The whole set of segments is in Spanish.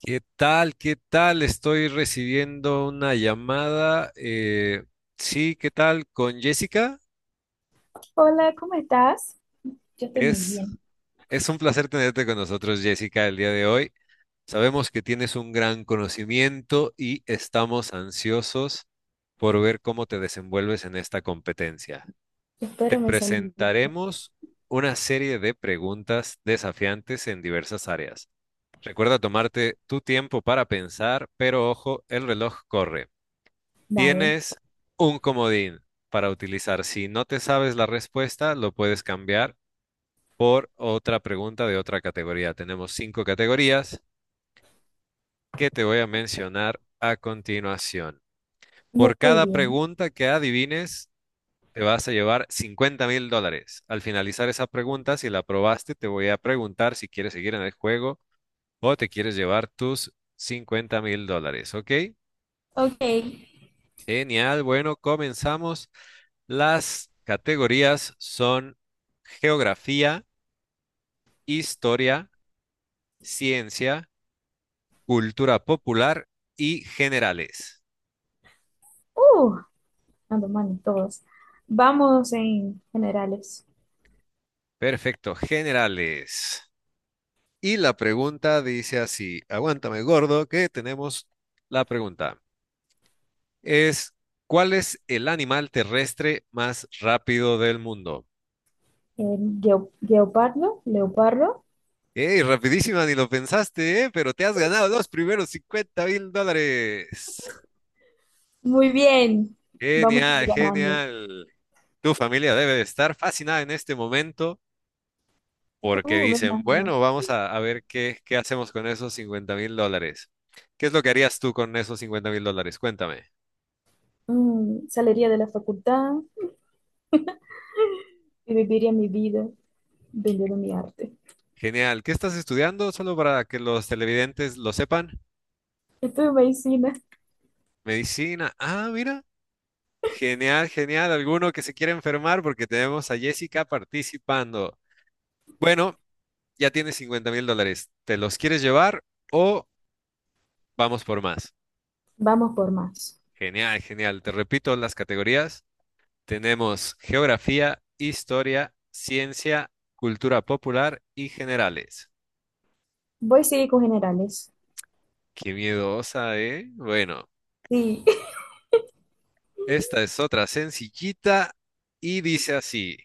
¿Qué tal? ¿Qué tal? Estoy recibiendo una llamada. Sí, ¿qué tal? Con Jessica. Hola, ¿cómo estás? Yo estoy muy Es, bien. es un placer tenerte con nosotros, Jessica, el día de hoy. Sabemos que tienes un gran conocimiento y estamos ansiosos por ver cómo te desenvuelves en esta competencia. Te Espero me salí. presentaremos una serie de preguntas desafiantes en diversas áreas. Recuerda tomarte tu tiempo para pensar, pero ojo, el reloj corre. Dale. Tienes un comodín para utilizar. Si no te sabes la respuesta, lo puedes cambiar por otra pregunta de otra categoría. Tenemos cinco categorías que te voy a mencionar a continuación. Por Muy cada bien. pregunta que adivines, te vas a llevar $50.000. Al finalizar esa pregunta, si la aprobaste, te voy a preguntar si quieres seguir en el juego o te quieres llevar tus $50.000. ¿Ok? Ok. Genial. Bueno, comenzamos. Las categorías son geografía, historia, ciencia, cultura popular y generales. Uh, ando mal en todos. Vamos en generales. Perfecto, generales. Y la pregunta dice así, aguántame gordo, que tenemos la pregunta. Es, ¿Cuál es el animal terrestre más rápido del mundo? Eh, Geo- Geopardo, Leopardo. ¡Ey, rapidísima, ni lo pensaste, ¿eh? Pero te has ganado los primeros $50.000. Muy bien. Vamos Genial, ganando. genial. Tu familia debe de estar fascinada en este momento porque Venga, dicen, venga. bueno, vamos a ver qué hacemos con esos $50.000. ¿Qué es lo que harías tú con esos $50.000? Cuéntame. Saliría de la facultad y viviría mi vida vendiendo mi arte. Genial. ¿Qué estás estudiando? Solo para que los televidentes lo sepan. Estudio medicina. Medicina. Ah, mira. Genial, genial. ¿Alguno que se quiera enfermar? Porque tenemos a Jessica participando. Bueno, ya tienes $50.000. ¿Te los quieres llevar o vamos por más? Vamos por más. Genial, genial. Te repito las categorías. Tenemos geografía, historia, ciencia, cultura popular y generales. Voy a seguir con generales. Qué miedosa, ¿eh? Bueno, Sí. esta es otra sencillita y dice así.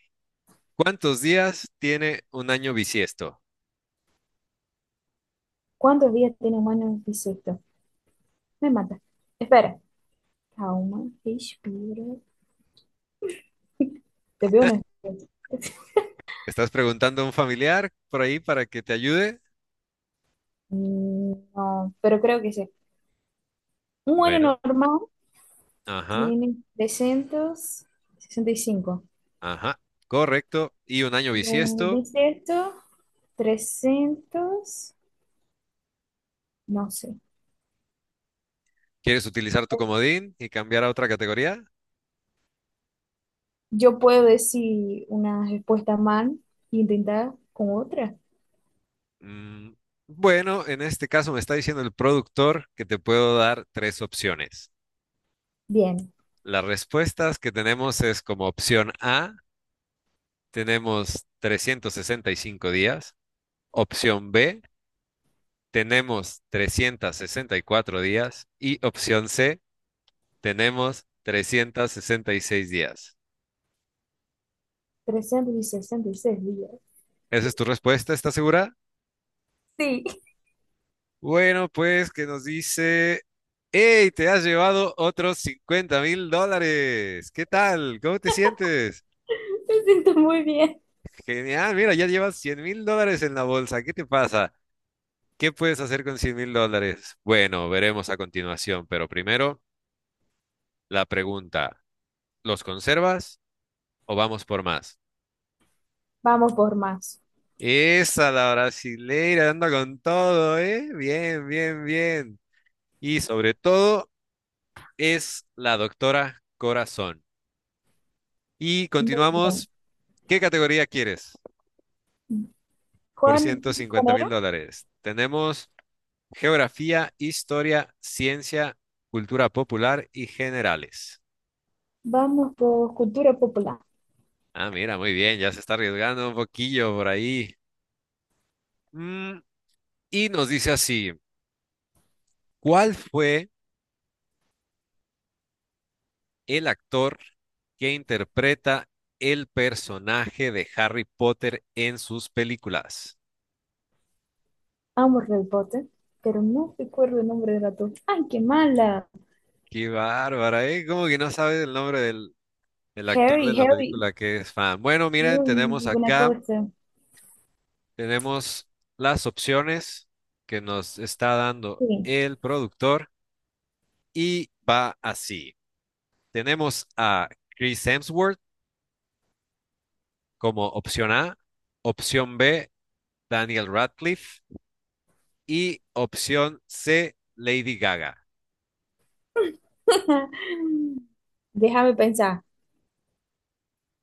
¿Cuántos días tiene un año bisiesto? ¿Cuántos días tiene un año bisiesto? Me mata. Espera. Calma, respira. Te veo una cosa. ¿Estás preguntando a un familiar por ahí para que te ayude? Mm, no, pero creo que sí. Un año Bueno, normal ajá, tiene 365. ajá, correcto. ¿Y un año Un bisiesto? bisiesto, 300, no sé. ¿Quieres utilizar tu comodín y cambiar a otra categoría? Yo puedo decir una respuesta mal e intentar con otra. Mm, bueno, en este caso me está diciendo el productor que te puedo dar tres opciones. Bien, Las respuestas que tenemos es como opción A, tenemos 365 días, opción B, tenemos 364 días y opción C, tenemos 366 días. 366 días. ¿Esa es tu respuesta? ¿Estás segura? Sí. Bueno, pues que nos dice, ¡Hey! Te has llevado otros $50.000. ¿Qué tal? ¿Cómo te sientes? Me siento muy bien. Genial, mira, ya llevas $100.000 en la bolsa. ¿Qué te pasa? ¿Qué puedes hacer con $100.000? Bueno, veremos a continuación, pero primero la pregunta, ¿los conservas o vamos por más? Vamos por más. Esa, la brasileira, anda con todo, ¿eh? Bien, bien, bien. Y sobre todo es la doctora Corazón. Y Muy bien. continuamos, ¿qué categoría quieres? Por ¿Cuál, ciento cuál cincuenta mil era? dólares. Tenemos geografía, historia, ciencia, cultura popular y generales. Vamos por cultura popular. Ah, mira, muy bien, ya se está arriesgando un poquillo por ahí. Mm, y nos dice así, ¿cuál fue el actor que interpreta el personaje de Harry Potter en sus películas? Amo Harry Potter, pero no recuerdo el nombre del ratón. ¡Ay, qué mala! Qué bárbara, ¿eh? Como que no sabes el nombre del actor Harry, de la Harry. película que es fan. Bueno, miren, Uy, tenemos buena acá cosa. tenemos las opciones que nos está dando Sí. el productor y va así. Tenemos a Chris Hemsworth como opción A, opción B, Daniel Radcliffe y opción C, Lady Gaga. Déjame pensar.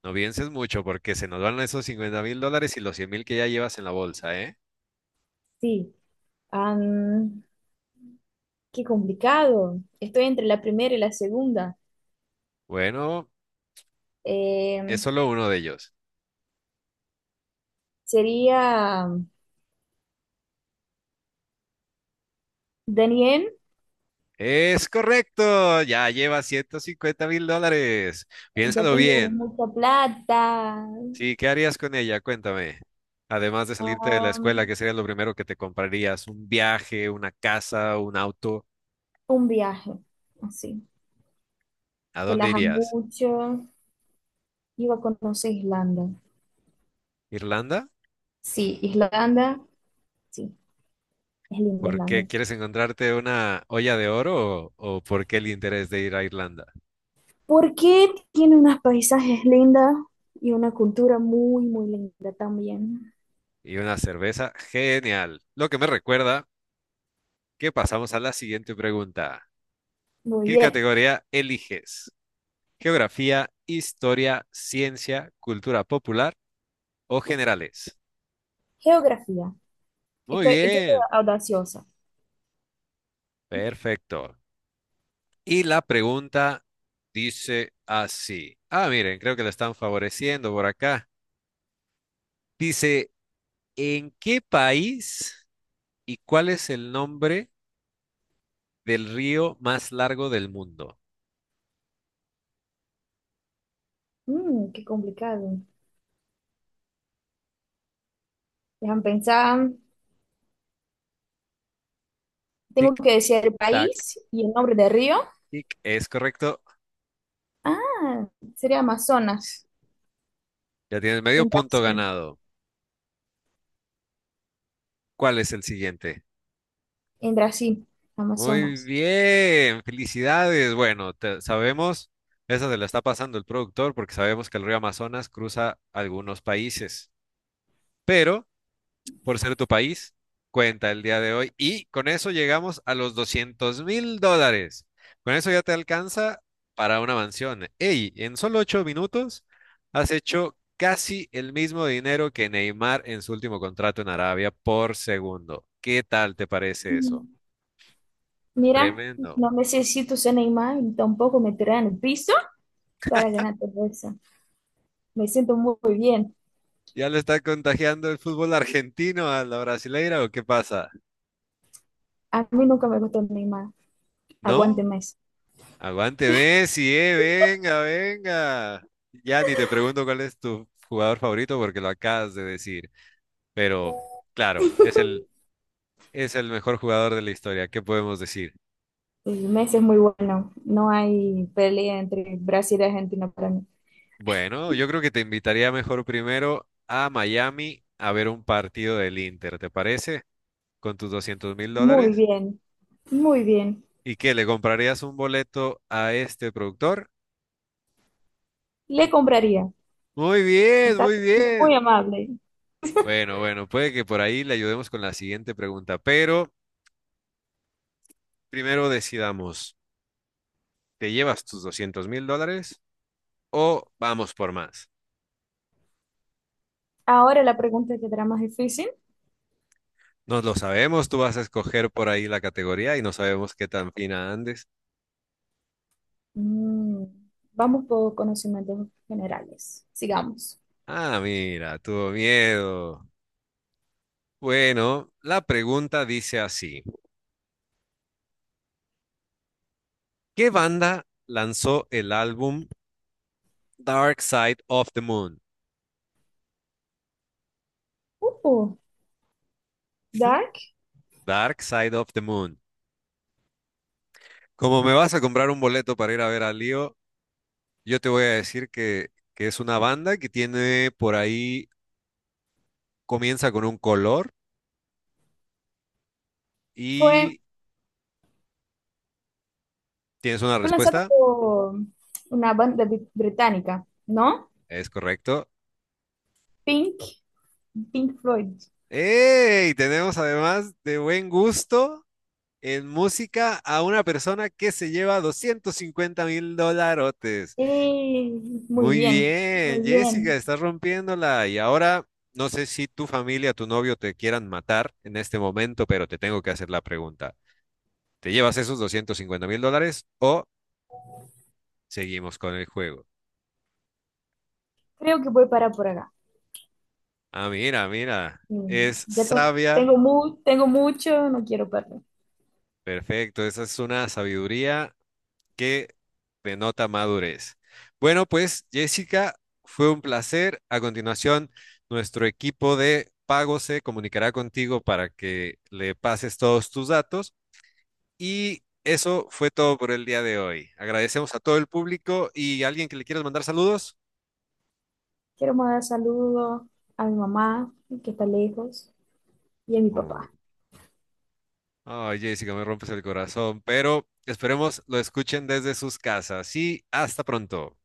No pienses mucho porque se nos van esos $50.000 y los 100.000 que ya llevas en la bolsa, ¿eh? Sí. Am, qué complicado. Estoy entre la primera y la segunda. Bueno, es Eh, solo uno de ellos. sería Daniel. Es correcto, ya lleva $150.000. Ya Piénsalo tengo bien. mucha plata. Sí, ¿qué harías con ella? Cuéntame. Además de salirte de la escuela, Am, ¿qué sería lo primero que te comprarías? ¿Un viaje, una casa, un auto? un viaje. Así. ¿A Que dónde las amo irías? mucho. Iba a conocer Irlanda. ¿Irlanda? Sí, Islanda. Sí, es linda ¿Por qué Islanda. quieres encontrarte una olla de oro o por qué el interés de ir a Irlanda? ¿Por qué tiene unos paisajes lindos y una cultura muy, muy linda también? Y una cerveza, genial. Lo que me recuerda que pasamos a la siguiente pregunta. Muy ¿Qué bien. categoría eliges? ¿Geografía, historia, ciencia, cultura popular o generales? Geografía. Muy Yo estoy bien, audaciosa. perfecto. Y la pregunta dice así. Ah, miren, creo que la están favoreciendo por acá. Dice, ¿en qué país y cuál es el nombre del río más largo del mundo? Qué complicado. Déjame pensar. Tengo Tic, que decir el tac, país y el nombre del río. tic. Es correcto. Ah, sería Amazonas, Ya tienes medio en punto Brasil. ganado. ¿Cuál es el siguiente? En Brasil, Muy Amazonas. bien, felicidades. Bueno, sabemos, esa se la está pasando el productor porque sabemos que el río Amazonas cruza algunos países, pero... por ser tu país cuenta el día de hoy. Y con eso llegamos a los $200.000. Con eso ya te alcanza para una mansión. Ey, en solo 8 minutos has hecho casi el mismo dinero que Neymar en su último contrato en Arabia por segundo. ¿Qué tal te parece eso? Mm, mira, Tremendo. no necesito ser Neymar y tampoco me tiraré en el piso para ganar todo eso. Me siento muy bien. ¿Ya le está contagiando el fútbol argentino a la brasileira o qué pasa? A mí nunca me gustó Neymar. Aguante ¿No? Messi. Aguante Messi, venga, venga. Ya ni te pregunto cuál es tu jugador favorito porque lo acabas de decir. Pero claro, es el mejor jugador de la historia. ¿Qué podemos decir? Y Messi es muy bueno. No hay pelea entre Brasil y Argentina para mí. Bueno, yo creo que te invitaría mejor primero a Miami a ver un partido del Inter, ¿te parece? Con tus doscientos mil Muy dólares. bien, muy bien. ¿Y qué? ¿Le comprarías un boleto a este productor? Le compraría. Muy bien, Está muy siendo muy bien. amable. Bueno, bueno, puede que por ahí le ayudemos con la siguiente pregunta, pero... Primero decidamos, ¿te llevas tus $200.000 o vamos por más? Ahora la pregunta que será más difícil. No lo sabemos, tú vas a escoger por ahí la categoría y no sabemos qué tan fina andes. Mm, vamos por conocimientos generales. Sigamos. Ah, mira, tuvo miedo. Bueno, la pregunta dice así. ¿Qué banda lanzó el álbum Dark Side of the Moon? Uh, ¿Mm? Dark Dark Side of the Moon. Como me vas a comprar un boleto para ir a ver a Leo, yo te voy a decir que es una banda que tiene por ahí, comienza con un color fue, y tienes una fue lanzado respuesta, por una banda británica, ¿no? es correcto. Pink, Pink Floyd. ¡Ey! Tenemos además de buen gusto en música a una persona que se lleva 250.000 dolarotes. Eh, muy Muy bien, bien, muy Jessica, bien. estás rompiéndola. Y ahora, no sé si tu familia, tu novio te quieran matar en este momento, pero te tengo que hacer la pregunta. ¿Te llevas esos $250.000 o seguimos con el juego? Creo que voy para por acá. Ah, mira, mira, Mm, es Ya te- sabia. Tengo mucho, no quiero perder. Perfecto, esa es una sabiduría que denota madurez. Bueno, pues Jessica, fue un placer. A continuación, nuestro equipo de pago se comunicará contigo para que le pases todos tus datos. Y eso fue todo por el día de hoy. Agradecemos a todo el público y alguien que le quieras mandar saludos. Quiero mandar saludos a mi mamá, que está lejos, y a mi Mm. papá. Ay, Jessica, me rompes el corazón, pero esperemos lo escuchen desde sus casas y hasta pronto.